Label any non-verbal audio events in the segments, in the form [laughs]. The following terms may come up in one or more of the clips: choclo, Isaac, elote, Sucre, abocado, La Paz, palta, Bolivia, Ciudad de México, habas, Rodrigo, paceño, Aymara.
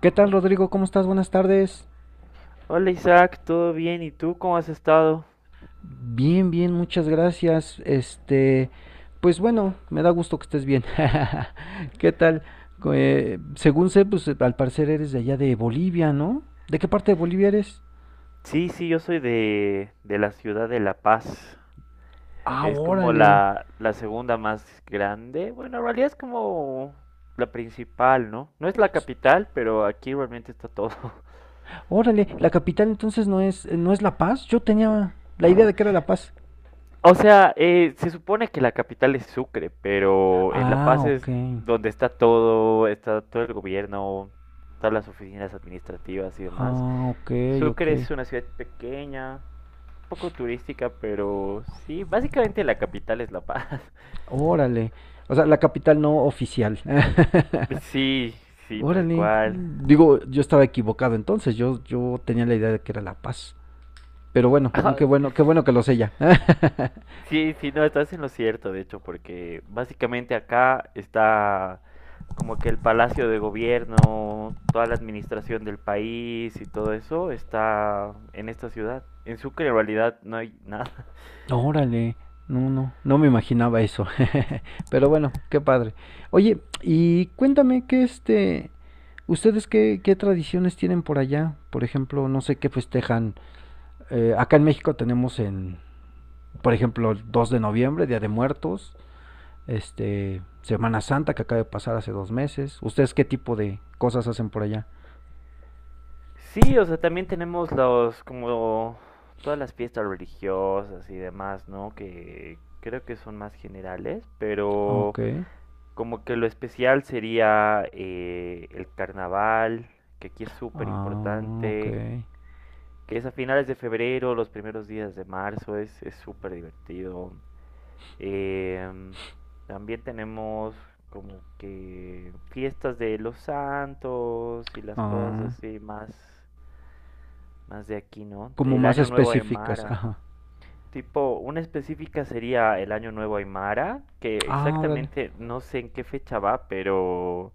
¿Qué tal, Rodrigo? ¿Cómo estás? Buenas tardes. Hola Isaac, ¿todo bien? ¿Y tú cómo has estado? Bien, bien, muchas gracias. Pues bueno, me da gusto que estés bien. [laughs] ¿Qué tal? Según sé, pues al parecer eres de allá de Bolivia, ¿no? ¿De qué parte de Bolivia eres? Sí, sí, yo soy de la ciudad de La Paz. Ah, Es como órale. la segunda más grande. Bueno, en realidad es como la principal, ¿no? No es la S- capital, pero aquí realmente está todo. [laughs] Órale, la capital entonces no es La Paz. Yo tenía la idea de que era La Paz. O sea, se supone que la capital es Sucre, pero en La Ah, Paz ok. es donde está todo el gobierno, todas las oficinas administrativas y demás. Ah, ok, ok. Sucre es una ciudad pequeña, poco turística, pero sí, básicamente la capital es La Paz. [laughs] Órale. O sea, la capital no oficial. [laughs] Sí, sí, tal Órale. cual. Digo, yo estaba equivocado entonces, yo tenía la idea de que era La Paz. Pero bueno, no, Ah, qué bueno que lo sé ya. [laughs] sí, sí, no, estás en lo cierto, de hecho, porque básicamente acá está como que el palacio de gobierno, toda la administración del país y todo eso está en esta ciudad. En Sucre en realidad no hay nada. Órale. No, no, no me imaginaba eso. [laughs] Pero bueno, qué padre. Oye, y cuéntame que ustedes qué, qué tradiciones tienen por allá. Por ejemplo, no sé qué festejan. Acá en México tenemos en, por ejemplo, el 2 de noviembre, Día de Muertos, Semana Santa que acaba de pasar hace 2 meses. ¿Ustedes qué tipo de cosas hacen por allá? Sí, o sea, también tenemos los, como todas las fiestas religiosas y demás, ¿no? Que creo que son más generales, Ah, ok, pero como que lo especial sería el carnaval, que aquí es súper ah, ok, importante, que es a finales de febrero, los primeros días de marzo, es súper divertido. Em, También tenemos como que fiestas de los santos y las cosas ah, así más de aquí, ¿no? como El más Año Nuevo específicas, Aymara. ajá. Tipo, una específica sería el Año Nuevo Aymara, que Ah, órale. exactamente no sé en qué fecha va, pero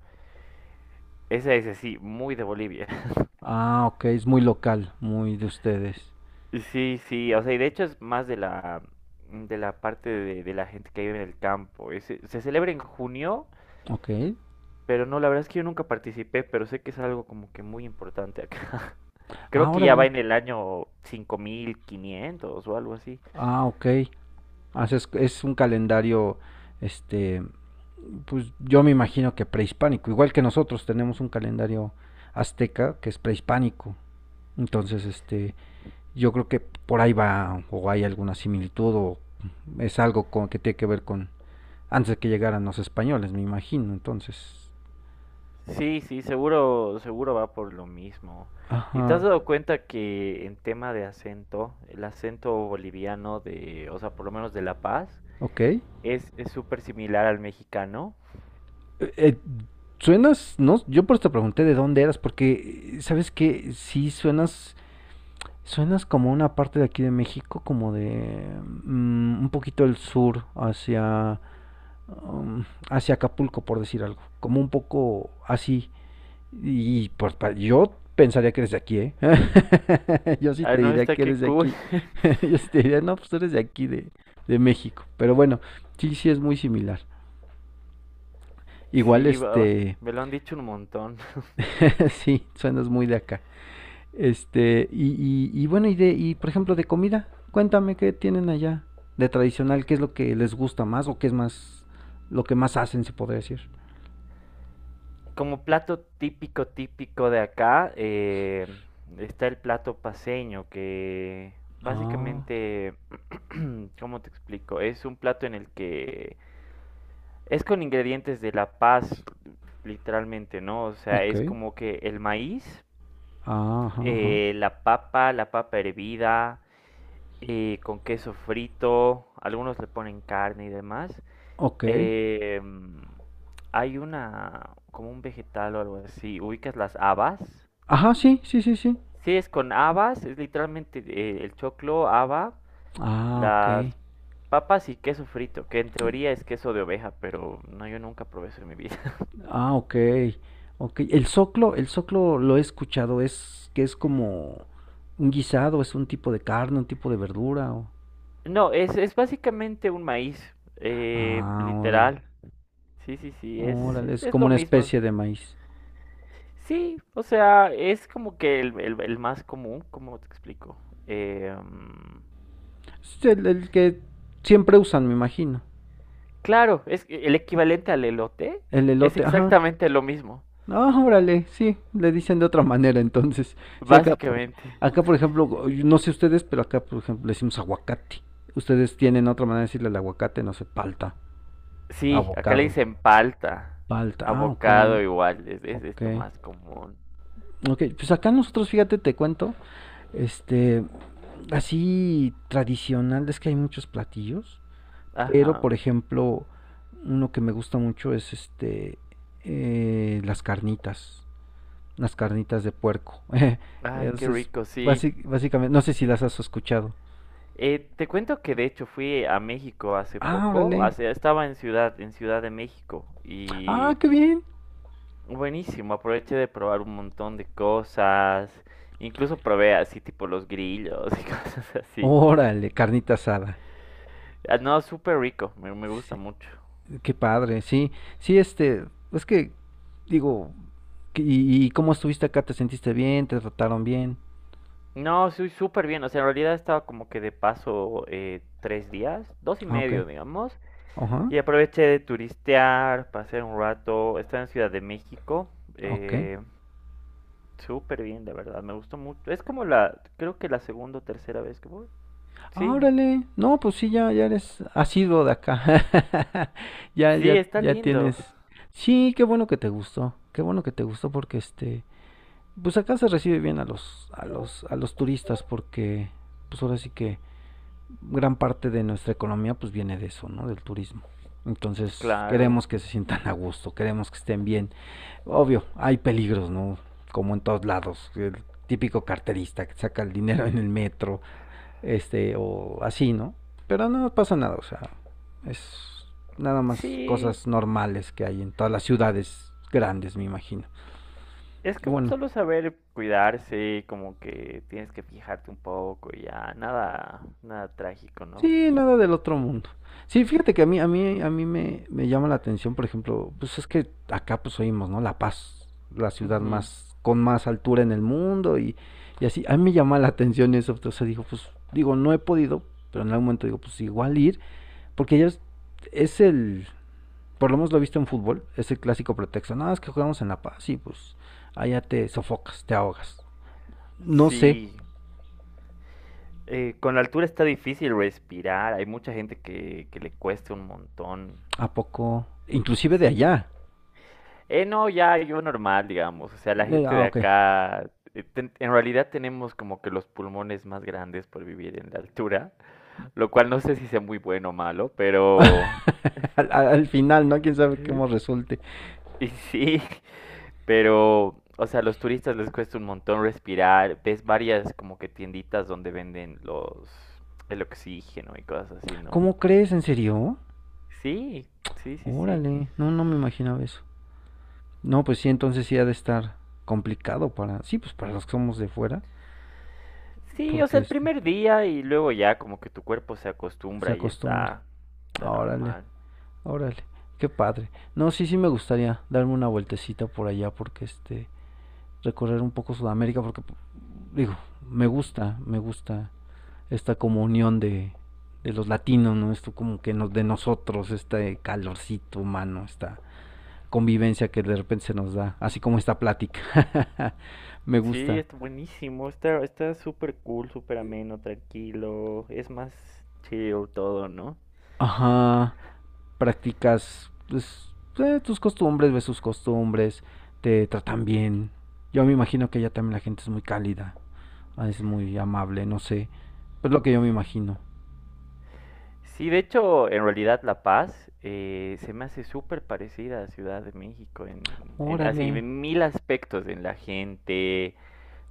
esa es así, muy de Bolivia. [laughs] Ah, ok, es muy local, muy de ustedes. Sí, sí, o sea, y de hecho es más de la parte de la gente que vive en el campo. Se celebra en junio, Ok, pero no, la verdad es que yo nunca participé, pero sé que es algo como que muy importante acá. [laughs] ah, Creo que ya va órale. en el año 5.500 o algo así. Ah, ok. Haces, es un calendario, este, pues yo me imagino que prehispánico, igual que nosotros tenemos un calendario azteca que es prehispánico. Entonces, yo creo que por ahí va o hay alguna similitud o es algo con, que tiene que ver con antes de que llegaran los españoles, me imagino. Entonces, Sí, sí, seguro, seguro va por lo mismo. ¿Y te has ajá, dado cuenta que en tema de acento, el acento boliviano de, o sea, por lo menos de La Paz, ok. Es súper similar al mexicano? eh, suenas, no, yo por eso te pregunté de dónde eras, porque sabes que sí suenas, suenas como una parte de aquí de México, como de un poquito del sur hacia um, hacia Acapulco, por decir algo, como un poco así. Y pues yo pensaría que eres de aquí, ¿eh? [laughs] Yo sí Ah, te no, diría está que eres qué de cool. aquí. [laughs] [laughs] Yo sí te diría, no, pues tú eres de aquí, de México. Pero bueno, sí, sí es muy similar. Igual, Sí, va, me lo han dicho un montón. [laughs] sí, suenas muy de acá. Y bueno, y por ejemplo, de comida, cuéntame qué tienen allá de tradicional, qué es lo que les gusta más o qué es más, lo que más hacen, se podría decir. Como plato típico, típico de acá, está el plato paceño, que Ah, básicamente, [clears throat] ¿cómo te explico? Es un plato en el que es con ingredientes de La Paz, literalmente, ¿no? O sea, ok. es como que el maíz, Ajá, ajá. La papa hervida, con queso frito, algunos le ponen carne y demás. Ok. Eh, mm, Hay una, como un vegetal o algo así, ubicas las habas. Ajá, sí, sí, sí, sí. Sí, es con habas, es literalmente el choclo, haba, Ah, las ok. papas y queso frito, que en teoría es queso de oveja, pero no, yo nunca probé eso en mi vida. Ah, ok. Ok. El soclo lo he escuchado, es que es como un guisado, es un tipo de carne, un tipo de verdura. No, es básicamente un maíz, Ah, órale. literal. Sí, sí, sí, es, Órale, es, es es como lo una mismo. especie de maíz. Sí, o sea, es como que el más común, ¿cómo te explico? Eh, mm, Es el que siempre usan, me imagino. claro, es que el equivalente al elote El es elote, ajá. exactamente lo mismo, Ah, órale, sí, le dicen de otra manera entonces. Sí, acá, básicamente. acá por ejemplo, yo no sé ustedes, pero acá por ejemplo le decimos aguacate. Ustedes tienen otra manera de decirle al aguacate, no sé, palta, Sí, acá le abocado. dicen palta, Palta, ah, ok, abocado igual, es, es, ok. es lo más común. Ok, pues acá nosotros, fíjate, te cuento, este, así tradicional, es que hay muchos platillos, pero Ajá. por ejemplo, uno que me gusta mucho es eh, las carnitas, las carnitas de puerco. [laughs] Ay, qué Entonces, rico, sí. Básicamente, no sé si las has escuchado. Te cuento que de hecho fui a México hace Ah, poco, órale, hace, estaba en Ciudad de México ah, y qué bien, buenísimo, aproveché de probar un montón de cosas, incluso probé así tipo los grillos y [laughs] cosas así. órale, carnita asada. Ah, no, súper rico, me gusta Sí, mucho. qué padre, sí, sí, es que, digo, ¿y, y cómo estuviste acá? ¿Te sentiste bien? ¿Te trataron bien? No, soy súper bien, o sea, en realidad estaba como que de paso 3 días, dos y Ah, ok. medio, digamos, Ajá. y aproveché de turistear, pasé un rato, estaba en Ciudad de México. Ok. eh, Súper bien, de verdad, me gustó mucho. Es como la, creo que la segunda o tercera vez que voy. Ah, Sí, órale. No, pues sí, ya, ya eres asiduo de acá. [laughs] Ya, sí, ya, está ya lindo. tienes. Sí, qué bueno que te gustó. Qué bueno que te gustó porque pues acá se recibe bien a los, a los, a los turistas porque, pues ahora sí que gran parte de nuestra economía pues viene de eso, ¿no? Del turismo. Entonces Claro. queremos que se sientan a gusto, queremos que estén bien. Obvio, hay peligros, ¿no? Como en todos lados, el típico carterista que saca el dinero en el metro, o así, ¿no? Pero no pasa nada, o sea, es nada más Sí, cosas normales que hay en todas las ciudades grandes, me imagino. es Y que bueno, solo saber cuidarse, como que tienes que fijarte un poco y ya, nada, nada trágico, ¿no? sí, nada del otro mundo. Sí, fíjate que a mí me llama la atención, por ejemplo, pues es que acá pues oímos, ¿no? La Paz, la ciudad Ujú. más, con más altura en el mundo y así. A mí me llama la atención eso, o sea, digo, pues, digo, no he podido, pero en algún momento digo, pues igual ir, porque ya es el, por lo menos lo he visto en fútbol, es el clásico pretexto, nada, es que jugamos en La Paz y pues allá te sofocas, te ahogas. No sé, Sí, con la altura está difícil respirar, hay mucha gente que le cuesta un montón. ¿a poco? Inclusive de Sí. allá. No, ya yo normal, digamos. O sea, la gente Ah, de ok. acá, en realidad tenemos como que los pulmones más grandes por vivir en la altura, lo cual no sé si sea muy bueno o malo, pero. [laughs] Al final, ¿no? Quién sabe cómo [laughs] resulte. Y sí, [laughs] pero, o sea, a los turistas les cuesta un montón respirar. Ves varias como que tienditas donde venden los, el oxígeno y cosas así, ¿no? ¿Cómo crees? ¿En serio? Sí, sí, sí, sí. Órale, no, no me imaginaba eso. No, pues sí, entonces sí ha de estar complicado para, sí, pues para los que somos de fuera, Sí, o porque sea, el primer día y luego ya como que tu cuerpo se se acostumbra y acostumbra. está Órale, normal. órale, qué padre. No, sí, sí me gustaría darme una vueltecita por allá, porque recorrer un poco Sudamérica, porque, digo, me gusta esta como unión de los latinos, ¿no? Esto como que nos, de nosotros, este calorcito humano, esta convivencia que de repente se nos da, así como esta plática. [laughs] Me Sí, gusta. está buenísimo, está súper cool, súper ameno, tranquilo, es más chill todo, ¿no? Ajá, practicas pues, tus costumbres, ves sus costumbres, te tratan bien. Yo me imagino que allá también la gente es muy cálida, ah, es muy amable, no sé. Pues lo que yo me imagino. Sí, de hecho, en realidad La Paz se me hace súper parecida a Ciudad de México, en, Órale, así, en 1.000 aspectos, en la gente,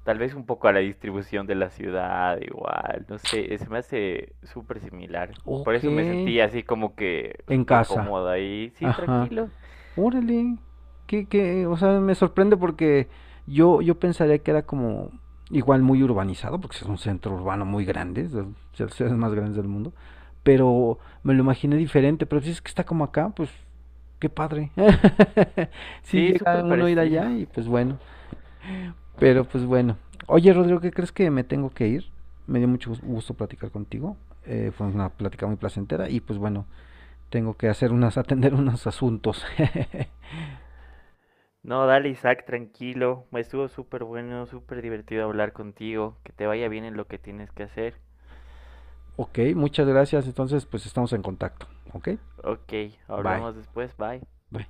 tal vez un poco a la distribución de la ciudad, igual, no sé, se me hace súper similar. Por ok. eso me sentí así como que En súper casa, cómoda y sí, ajá. tranquilo. Órale, o sea, me sorprende porque yo pensaría que era como igual muy urbanizado, porque es un centro urbano muy grande, es de los ciudades más grandes del mundo, pero me lo imaginé diferente, pero si es que está como acá, pues qué padre. [laughs] Si Sí, llega súper uno a ir parecido. allá y pues bueno, pero pues bueno. Oye, Rodrigo, ¿qué crees que me tengo que ir? Me dio mucho gusto platicar contigo. Eh, fue una plática muy placentera y pues bueno, tengo que hacer unas, [laughs] atender unos asuntos. [laughs] No, dale Isaac, tranquilo. Estuvo súper bueno, súper divertido hablar contigo. Que te vaya bien en lo que tienes que hacer. Ok, muchas gracias. Entonces, pues estamos en contacto. Ok, Ok, bye. hablamos después, bye. Bye.